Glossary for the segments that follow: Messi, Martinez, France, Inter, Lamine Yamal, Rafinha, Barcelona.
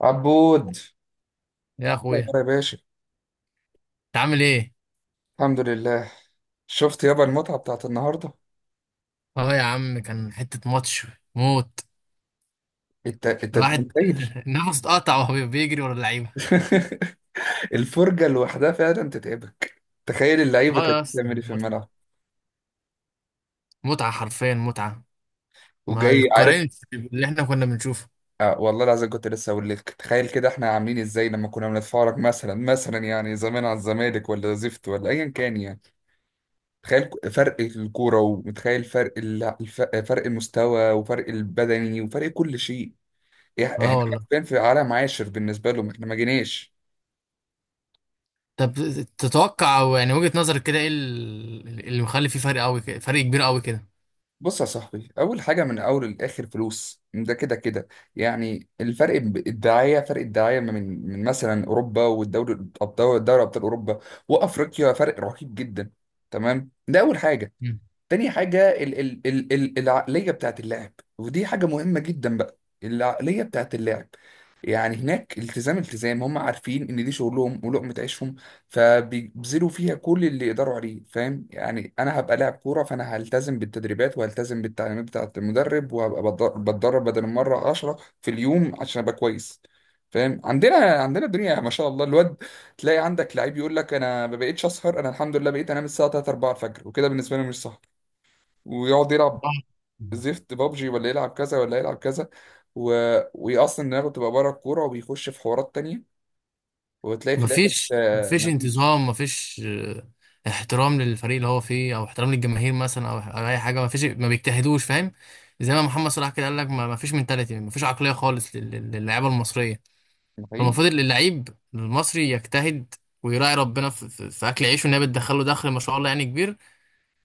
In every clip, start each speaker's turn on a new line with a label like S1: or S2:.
S1: عبود،
S2: يا
S1: إيه يا
S2: اخويا،
S1: ترى يا باشا؟
S2: انت عامل ايه؟
S1: الحمد لله. شفت يابا المتعة بتاعت النهاردة؟
S2: اه يا عم، كان حتة ماتش موت.
S1: انت انت أنت
S2: الواحد
S1: متخيل؟
S2: نفسه اتقطع وهو بيجري ورا اللعيبة.
S1: الفرجة لوحدها فعلا تتعبك، تخيل اللعيبة
S2: اه
S1: كانت
S2: يا اسطى
S1: بتعمل ايه في
S2: متعة،
S1: الملعب.
S2: متعة حرفيا متعة. ما
S1: وجاي عارف،
S2: تقارنش باللي احنا كنا بنشوفه.
S1: آه والله العظيم كنت لسه اقول لك، تخيل كده احنا عاملين ازاي لما كنا بنتفرج مثلا يعني زمان على الزمالك ولا زفت ولا ايا كان، يعني تخيل فرق الكورة، ومتخيل فرق فرق المستوى وفرق البدني وفرق كل شيء.
S2: اه
S1: احنا
S2: والله.
S1: فين؟ في عالم عاشر بالنسبه لهم، احنا ما جيناش.
S2: طب تتوقع او يعني وجهة نظرك كده ايه اللي مخلي فيه فرق قوي كده، فرق كبير قوي كده؟
S1: بص يا صاحبي، اول حاجه من اول للاخر فلوس، ده كده كده، يعني الفرق الدعايه، فرق الدعايه من مثلا اوروبا والدوري الابطال، دوري ابطال اوروبا وافريقيا، فرق رهيب جدا. تمام، ده اول حاجه.
S2: مم.
S1: تاني حاجة ال ال ال ال العقلية بتاعت اللاعب، ودي حاجة مهمة جدا بقى، العقلية بتاعت اللاعب. يعني هناك التزام، التزام، هم عارفين ان دي شغلهم ولقمة عيشهم، فبيبذلوا فيها كل اللي يقدروا عليه. فاهم يعني؟ انا هبقى لاعب كورة، فانا هلتزم بالتدريبات وهلتزم بالتعليمات بتاعة المدرب، وهبقى بتدرب بدل المرة عشرة في اليوم عشان ابقى كويس. فاهم؟ عندنا الدنيا ما شاء الله، الواد تلاقي عندك لعيب يقول لك انا ما بقيتش اسهر، انا الحمد لله بقيت انام الساعه 3 4 الفجر وكده. بالنسبه لي مش صح. ويقعد يلعب
S2: آه.
S1: زفت بابجي، ولا يلعب كذا، ولا يلعب كذا، و... وهي اصلا دماغه بتبقى بره الكوره وبيخش في حوارات تانية. وبتلاقي في الاخر
S2: مفيش،
S1: آه،
S2: مفيش
S1: مفيش.
S2: انتظام، مفيش احترام للفريق اللي هو فيه، او احترام للجماهير مثلا، او اي حاجه. مفيش، ما بيجتهدوش، فاهم؟ زي ما محمد صلاح كده قال لك، مفيش منتاليتي، مفيش عقليه خالص للاعيبه المصريه.
S1: حقيقي.
S2: فالمفروض اللعيب المصري يجتهد ويراعي ربنا في اكل عيشه، ان هي بتدخله دخل ما شاء الله يعني كبير.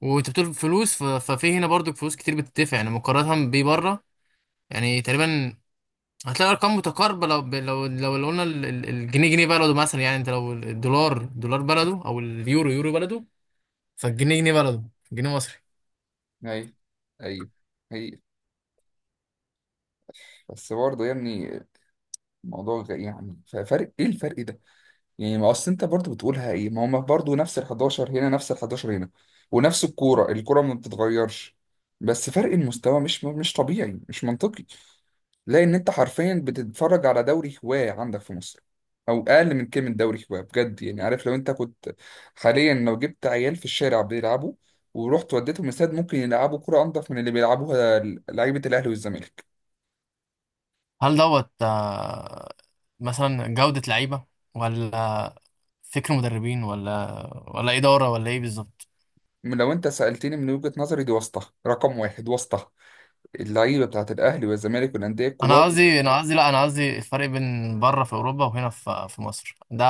S2: وانت بتقول فلوس، ف- ففي هنا برضو فلوس كتير بتدفع، يعني مقارنه بيه بره. يعني تقريبا هتلاقي ارقام متقاربه لو لو قلنا الجنيه جنيه بلده مثلا، يعني انت لو الدولار دولار بلده او اليورو يورو بلده، فالجنيه جنيه بلده، جنيه مصري.
S1: ايوه، ايوه، حقيقي. بس برضه يعني الموضوع فرق ايه الفرق ده؟ يعني ما اصل انت برضه بتقولها ايه؟ ما هم برضه نفس ال 11 هنا، نفس ال 11 هنا، ونفس الكوره، الكوره ما بتتغيرش. بس فرق المستوى مش طبيعي، مش منطقي، لان انت حرفيا بتتفرج على دوري هواه عندك في مصر، او اقل من كلمه دوري هواه بجد. يعني عارف، لو انت كنت حاليا لو جبت عيال في الشارع بيلعبوا ورحت وديتهم استاد، ممكن يلعبوا كرة انضف من اللي بيلعبوها لعيبه الاهلي والزمالك.
S2: هل دوت آه، مثلا جوده لعيبه، ولا فكر مدربين، ولا ولا اداره، ولا ايه بالظبط؟
S1: لو انت سالتني من وجهه نظري، دي واسطه، رقم واحد واسطه، اللعيبه بتاعت الاهلي والزمالك والانديه الكبار.
S2: انا قصدي لا، انا قصدي الفرق بين بره في اوروبا وهنا في مصر ده،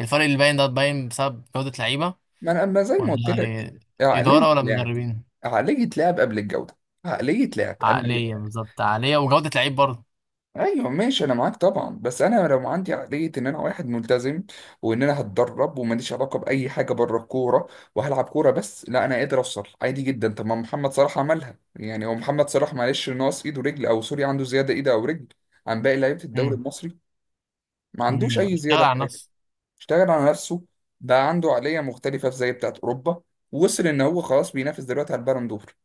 S2: الفرق اللي باين ده باين بسبب جوده لعيبه،
S1: ما انا ما زي ما قلت لك،
S2: ولا
S1: عقليه
S2: اداره ولا
S1: لعب،
S2: مدربين؟
S1: عقليه لعب قبل الجوده، عقليه لعب انا.
S2: عقليه بالظبط، عقليه وجوده لعيب برضه.
S1: ايوه ماشي، انا معاك طبعا، بس انا لو عندي عقليه ان انا واحد ملتزم، وان انا هتدرب وماليش علاقه باي حاجه بره الكوره، وهلعب كوره بس، لا انا قادر اوصل عادي جدا. طب ما محمد صلاح عملها. يعني هو محمد صلاح معلش ناقص ايد ورجل، او سوري، عنده زياده ايد او رجل عن باقي لعيبه الدوري
S2: امم.
S1: المصري؟ ما عندوش
S2: امم،
S1: اي
S2: اشتغل
S1: زياده في
S2: على
S1: حاجه.
S2: نفسه.
S1: اشتغل على نفسه، بقى عنده عقليه مختلفه زي بتاعه اوروبا، وصل ان هو خلاص بينافس دلوقتي على البالون دور.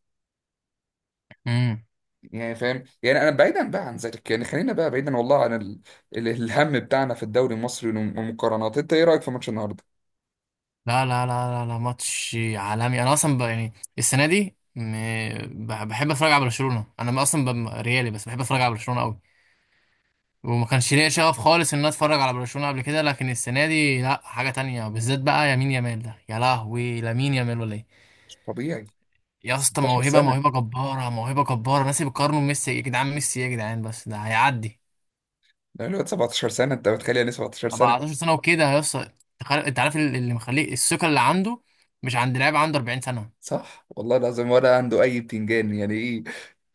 S2: امم.
S1: يعني فاهم؟ يعني انا بعيدا بقى عن ذلك، يعني خلينا بقى بعيدا والله عن الهم بتاعنا في الدوري المصري والمقارنات. انت ايه رايك في ماتش النهارده؟
S2: لا لا لا لا لا، ماتش عالمي. انا اصلا يعني السنه دي بحب اتفرج على برشلونه. انا اصلا ريالي، بس بحب اتفرج على برشلونه قوي. وما كانش ليا شغف خالص ان انا اتفرج على برشلونه قبل كده، لكن السنه دي لا، حاجه تانية بالذات بقى. يمين يامال ده يا لهوي، لامين يامال ولا ايه؟
S1: مش طبيعي.
S2: يا اسطى
S1: 17
S2: موهبه،
S1: سنه،
S2: موهبه جباره، موهبه جباره. ناس بيقارنوا بميسي يا جدعان، ميسي إيه يا جدعان، بس ده هيعدي
S1: ده الواد 17 سنه، انت متخيل؟ يعني 17 سنه.
S2: 14 سنه وكده يا اسطى. انت عارف اللي مخليه الثقه اللي عنده، مش عند لاعب عنده 40 سنه.
S1: صح والله العظيم، ولا عنده اي بتنجان، يعني ايه؟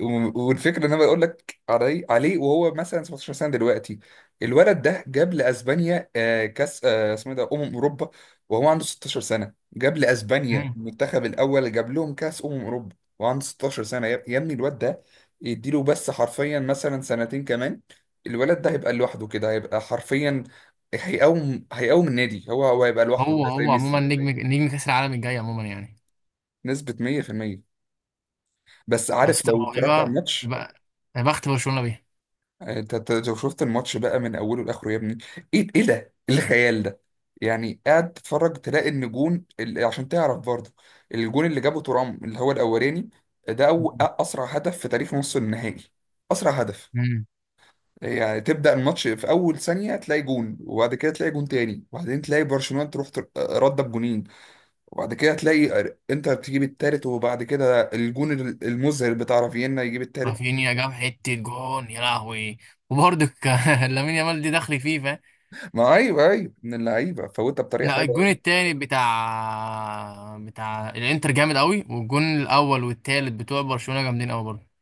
S1: والفكره ان انا بقول لك عليه وهو مثلا 17 سنه دلوقتي. الولد ده جاب لاسبانيا آه، كاس آه، اسمه إيه ده، اوروبا. وهو عنده 16 سنه جاب لاسبانيا
S2: امم.
S1: المنتخب الاول، جاب لهم كاس اوروبا وهو عنده 16 سنه. يا يا ابني الواد ده يديله بس حرفيا مثلا سنتين كمان، الولد ده هيبقى لوحده كده، هيبقى حرفيا، هيقوم النادي، هو هيبقى لوحده
S2: هو
S1: كده زي
S2: هو عموما
S1: ميسي.
S2: نجم، نجم كاس العالم الجاي عموما يعني.
S1: نسبة 100%. بس
S2: يا
S1: عارف،
S2: اسطى
S1: لو اتفرجت على
S2: موهبه،
S1: الماتش،
S2: يبقى يا بخت برشلونه بيها.
S1: أنت لو شفت الماتش بقى من اوله لاخره يا ابني، ايه ايه ده، إيه الخيال ده! يعني قاعد تتفرج، تلاقي ان جون عشان تعرف برضه، الجون اللي جابه ترام اللي هو الاولاني، ده اسرع هدف في تاريخ نص النهائي، اسرع هدف.
S2: امم.
S1: يعني تبدا الماتش في اول ثانيه تلاقي جون، وبعد كده تلاقي جون تاني، وبعدين تلاقي برشلونه تروح رده بجونين، وبعد كده تلاقي انتر تجيب التالت، وبعد كده الجون المذهل بتاع رافينا يجيب التالت.
S2: رافينيا جاب حته جون يا لهوي. وبرضه لامين يامال دي دخل فيه، فاهم؟
S1: ما ايوه، ايوه، من اللعيبه فوتها بطريقه
S2: لا،
S1: حلوه
S2: الجون
S1: قوي.
S2: التاني بتاع بتاع الانتر جامد قوي، والجون الاول والتالت بتوع برشلونه جامدين قوي برضه.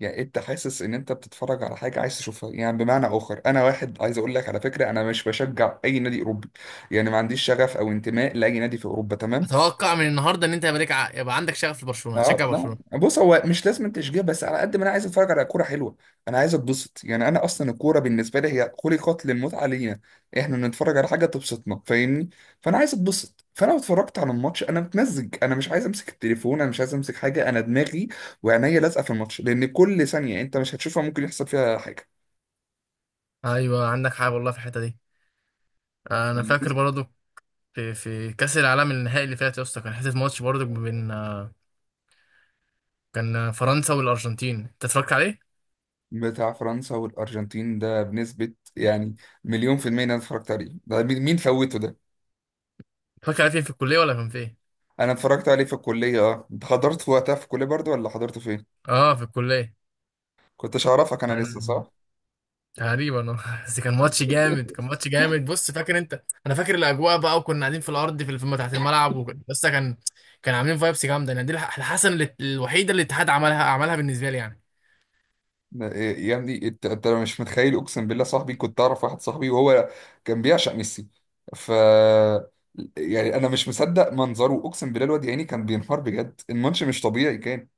S1: يعني إيه، انت حاسس ان انت بتتفرج على حاجه عايز تشوفها، يعني بمعنى اخر انا واحد عايز اقول لك على فكره، انا مش بشجع اي نادي اوروبي، يعني ما عنديش شغف او انتماء لاي نادي في اوروبا، تمام؟
S2: اتوقع من النهارده ان انت يا بريك يبقى عندك شغف لبرشلونه،
S1: اه.
S2: تشجع برشلونه.
S1: لا بص، هو مش لازم تشجيع، بس على قد ما انا عايز اتفرج على كوره حلوه، انا عايز اتبسط. يعني انا اصلا الكوره بالنسبه لي هي خلقت للمتعه، لينا احنا بنتفرج على حاجه تبسطنا، فاهمني؟ فانا عايز اتبسط. فانا لو اتفرجت على الماتش، انا متمزج، انا مش عايز امسك التليفون، انا مش عايز امسك حاجه، انا دماغي وعينيا لازقه في الماتش، لان كل ثانيه انت مش هتشوفها ممكن يحصل فيها حاجه.
S2: ايوه عندك حق والله في الحته دي. انا
S1: فاهمني؟
S2: فاكر برضو، في كاس العالم النهائي اللي فات يا اسطى، كان حته ماتش برضو بين آه، كان فرنسا والارجنتين، انت اتفرجت عليه؟
S1: بتاع فرنسا والارجنتين ده بنسبه يعني مليون في المية إن انا اتفرجت عليه، ده مين مين فوته ده.
S2: اتفرجت عليه فين، في الكليه ولا كان فين؟
S1: انا اتفرجت عليه في الكليه، اه. انت حضرت في وقتها في الكليه برضو، ولا حضرته فين؟
S2: اه، في الكليه.
S1: كنتش اعرفك انا لسه،
S2: كان
S1: صح؟
S2: تقريبا بس كان ماتش جامد، كان ماتش جامد. بص، فاكر انت انا فاكر الاجواء بقى، وكنا قاعدين في الارض في الفيلم تحت الملعب، وكان- بس كان كان عاملين فايبس جامده يعني. دي الحسن الوحيده اللي الاتحاد عملها، عملها بالنسبه لي يعني.
S1: إيه يا ابني، انت انت مش متخيل، اقسم بالله صاحبي كنت اعرف واحد صاحبي وهو كان بيعشق ميسي، ف يعني انا مش مصدق منظره، اقسم بالله الواد يا عيني كان بينهار بجد، الماتش مش طبيعي، كان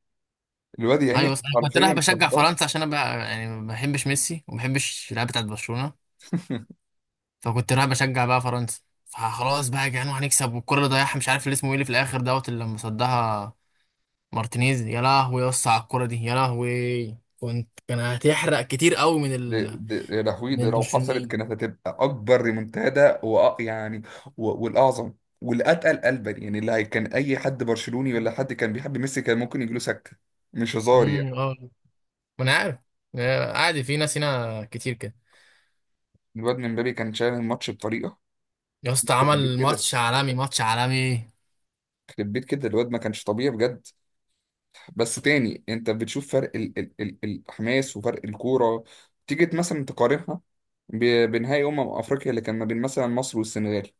S1: الواد يا
S2: ايوه،
S1: عيني
S2: بس انا كنت رايح
S1: حرفيا كان
S2: بشجع
S1: باظ.
S2: فرنسا عشان انا بقى يعني ما بحبش ميسي وما بحبش اللعيبه بتاعت برشلونه. فكنت رايح بشجع بقى فرنسا. فخلاص بقى يا جدعان هنكسب. والكره اللي ضيعها مش عارف اللي اسمه ايه، اللي في الاخر دوت، اللي لما صدها مارتينيز، يا لهوي يا اسطى على الكره دي، يا لهوي، كنت كان هتحرق كتير قوي من
S1: دي
S2: ال،
S1: دي يا لهوي، ده
S2: من
S1: لو حصلت
S2: البرشلونيين.
S1: كانت هتبقى اكبر ريمونتادا، يعني، والاعظم والاتقل قلبا، يعني اللي هي، كان اي حد برشلوني ولا حد كان بيحب ميسي كان ممكن يجيله سكته، مش هزار يعني.
S2: اه، ما انا عارف، آه، عادي، في ناس هنا كتير كده.
S1: الواد من مبابي كان شايل الماتش بطريقه
S2: يا اسطى
S1: يخرب بيت
S2: عمل
S1: كده،
S2: ماتش عالمي، ماتش عالمي.
S1: يخرب بيت كده الواد ما كانش طبيعي بجد. بس تاني انت بتشوف فرق ال ال ال الحماس وفرق الكوره، تيجي مثلا تقارنها بنهائي افريقيا اللي كان ما بين مثلا مصر والسنغال.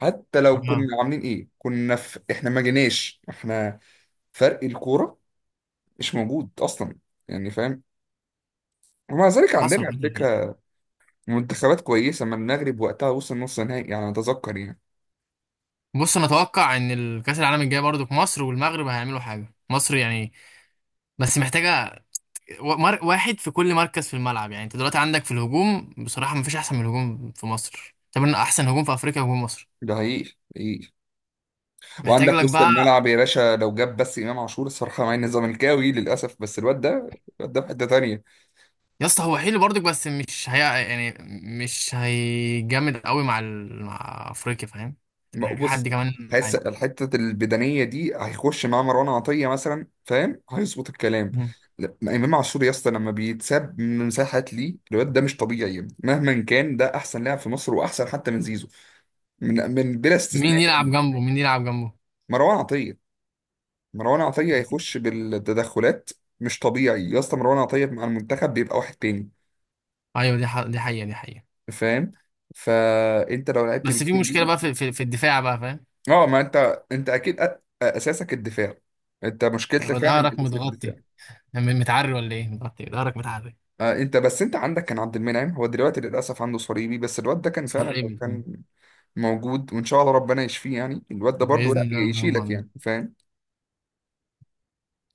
S1: حتى لو كنا
S2: اه
S1: عاملين ايه، كنا في احنا ما جيناش، احنا فرق الكوره مش موجود اصلا، يعني فاهم. ومع ذلك
S2: حصل.
S1: عندنا على فكره منتخبات كويسه، ما المغرب وقتها وصل نص نهائي يعني، اتذكر يعني.
S2: بص انا اتوقع ان الكاس العالم الجاي برضو في مصر، والمغرب هيعملوا حاجه، مصر يعني بس محتاجه واحد في كل مركز في الملعب. يعني انت دلوقتي عندك في الهجوم بصراحه مفيش احسن من الهجوم في مصر، طب انا احسن هجوم في افريقيا هجوم مصر.
S1: ده حقيقي، حقيقي.
S2: محتاج
S1: وعندك
S2: لك
S1: وسط
S2: بقى.
S1: الملعب يا باشا، لو جاب بس امام عاشور، الصراحه مع اني زملكاوي للاسف، بس الواد ده، الواد ده في حته تانيه.
S2: يا اسطى هو حلو برضك بس مش هي يعني، مش هيجامد قوي مع افريقيا، فاهم؟ محتاج
S1: بص،
S2: حد كمان
S1: حاسس
S2: معاه.
S1: الحتة البدنية دي هيخش مع مروان عطية مثلا، فاهم؟ هيظبط الكلام.
S2: مم.
S1: لا، إمام عاشور يا اسطى لما بيتساب من مساحات ليه، الواد ده مش طبيعي، مهما كان ده أحسن لاعب في مصر، وأحسن حتى من زيزو، من بلا
S2: مين
S1: استثناء.
S2: يلعب جنبه، مين يلعب جنبه؟
S1: مروان عطية، مروان عطية هيخش بالتدخلات. مش طبيعي يا اسطى، مروان عطية مع المنتخب بيبقى واحد تاني.
S2: ايوه، دي حقيقه، دي حقيقه.
S1: فاهم؟ فأنت لو لعبت
S2: بس في
S1: بالتيم،
S2: مشكله بقى في الدفاع بقى، فاهم؟
S1: اه ما انت، انت اكيد اساسك الدفاع، انت مشكلتك
S2: هيبقى
S1: فعلا
S2: ظهرك
S1: الاساسيه في الدفاع.
S2: متغطي، يعني متعري ولا ايه، متغطي ظهرك، متعري.
S1: آه، انت بس انت عندك كان عبد المنعم، هو دلوقتي للاسف عنده صليبي، بس الواد ده كان فعلا لو
S2: صليبي.
S1: كان موجود وان شاء الله ربنا يشفيه، يعني الواد ده برضه
S2: باذن
S1: لا
S2: الله، اللهم
S1: يشيلك
S2: امين.
S1: يعني، فاهم؟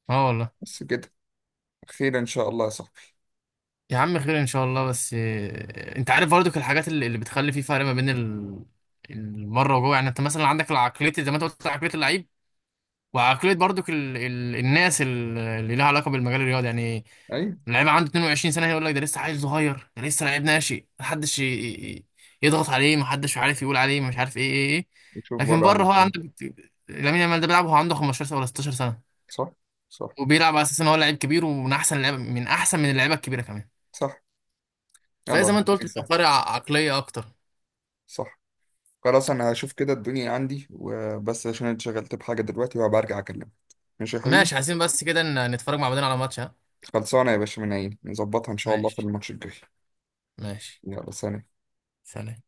S2: اه والله.
S1: بس كده. خير ان شاء الله يا صاحبي.
S2: يا عم خير ان شاء الله، بس آه، انت عارف برضك الحاجات اللي بتخلي في فرق ما بين المره وجوه. يعني انت مثلا عندك العقليه زي ما انت قلت، عقليه اللعيب وعقلية برضك الناس اللي لها علاقة بالمجال الرياضي يعني.
S1: ايوه،
S2: اللعيب عنده 22 سنة يقول لك ده لسه عيل صغير، ده لسه لعيب ناشئ، محدش ي- يضغط عليه، محدش عارف يقول عليه مش عارف ايه ايه ايه.
S1: نشوف
S2: لكن
S1: بره عن
S2: بره هو
S1: الدنيا.
S2: عندك لامين يامال ده بيلعب وهو عنده 15 سنة ولا 16 سنة،
S1: صح، صح،
S2: وبيلعب على اساس ان هو لعيب كبير ومن احسن اللعيبة، من احسن من اللعيبة الكبيرة كمان.
S1: صح. يلا
S2: فزي ما
S1: ربنا
S2: انت قلت بيبقى
S1: يسهل.
S2: فرق عقلية اكتر.
S1: صح. خلاص انا هشوف كده الدنيا عندي وبس، عشان أنا اتشغلت بحاجه دلوقتي، وهبقى ارجع اكلمك. ماشي يا حبيبي.
S2: ماشي، عايزين بس كده نتفرج مع بعضنا على ماتش ها.
S1: خلصانه يا باشا، من عيني، نظبطها ان شاء الله في
S2: ماشي،
S1: الماتش الجاي.
S2: ماشي.
S1: يلا سلام.
S2: سلام.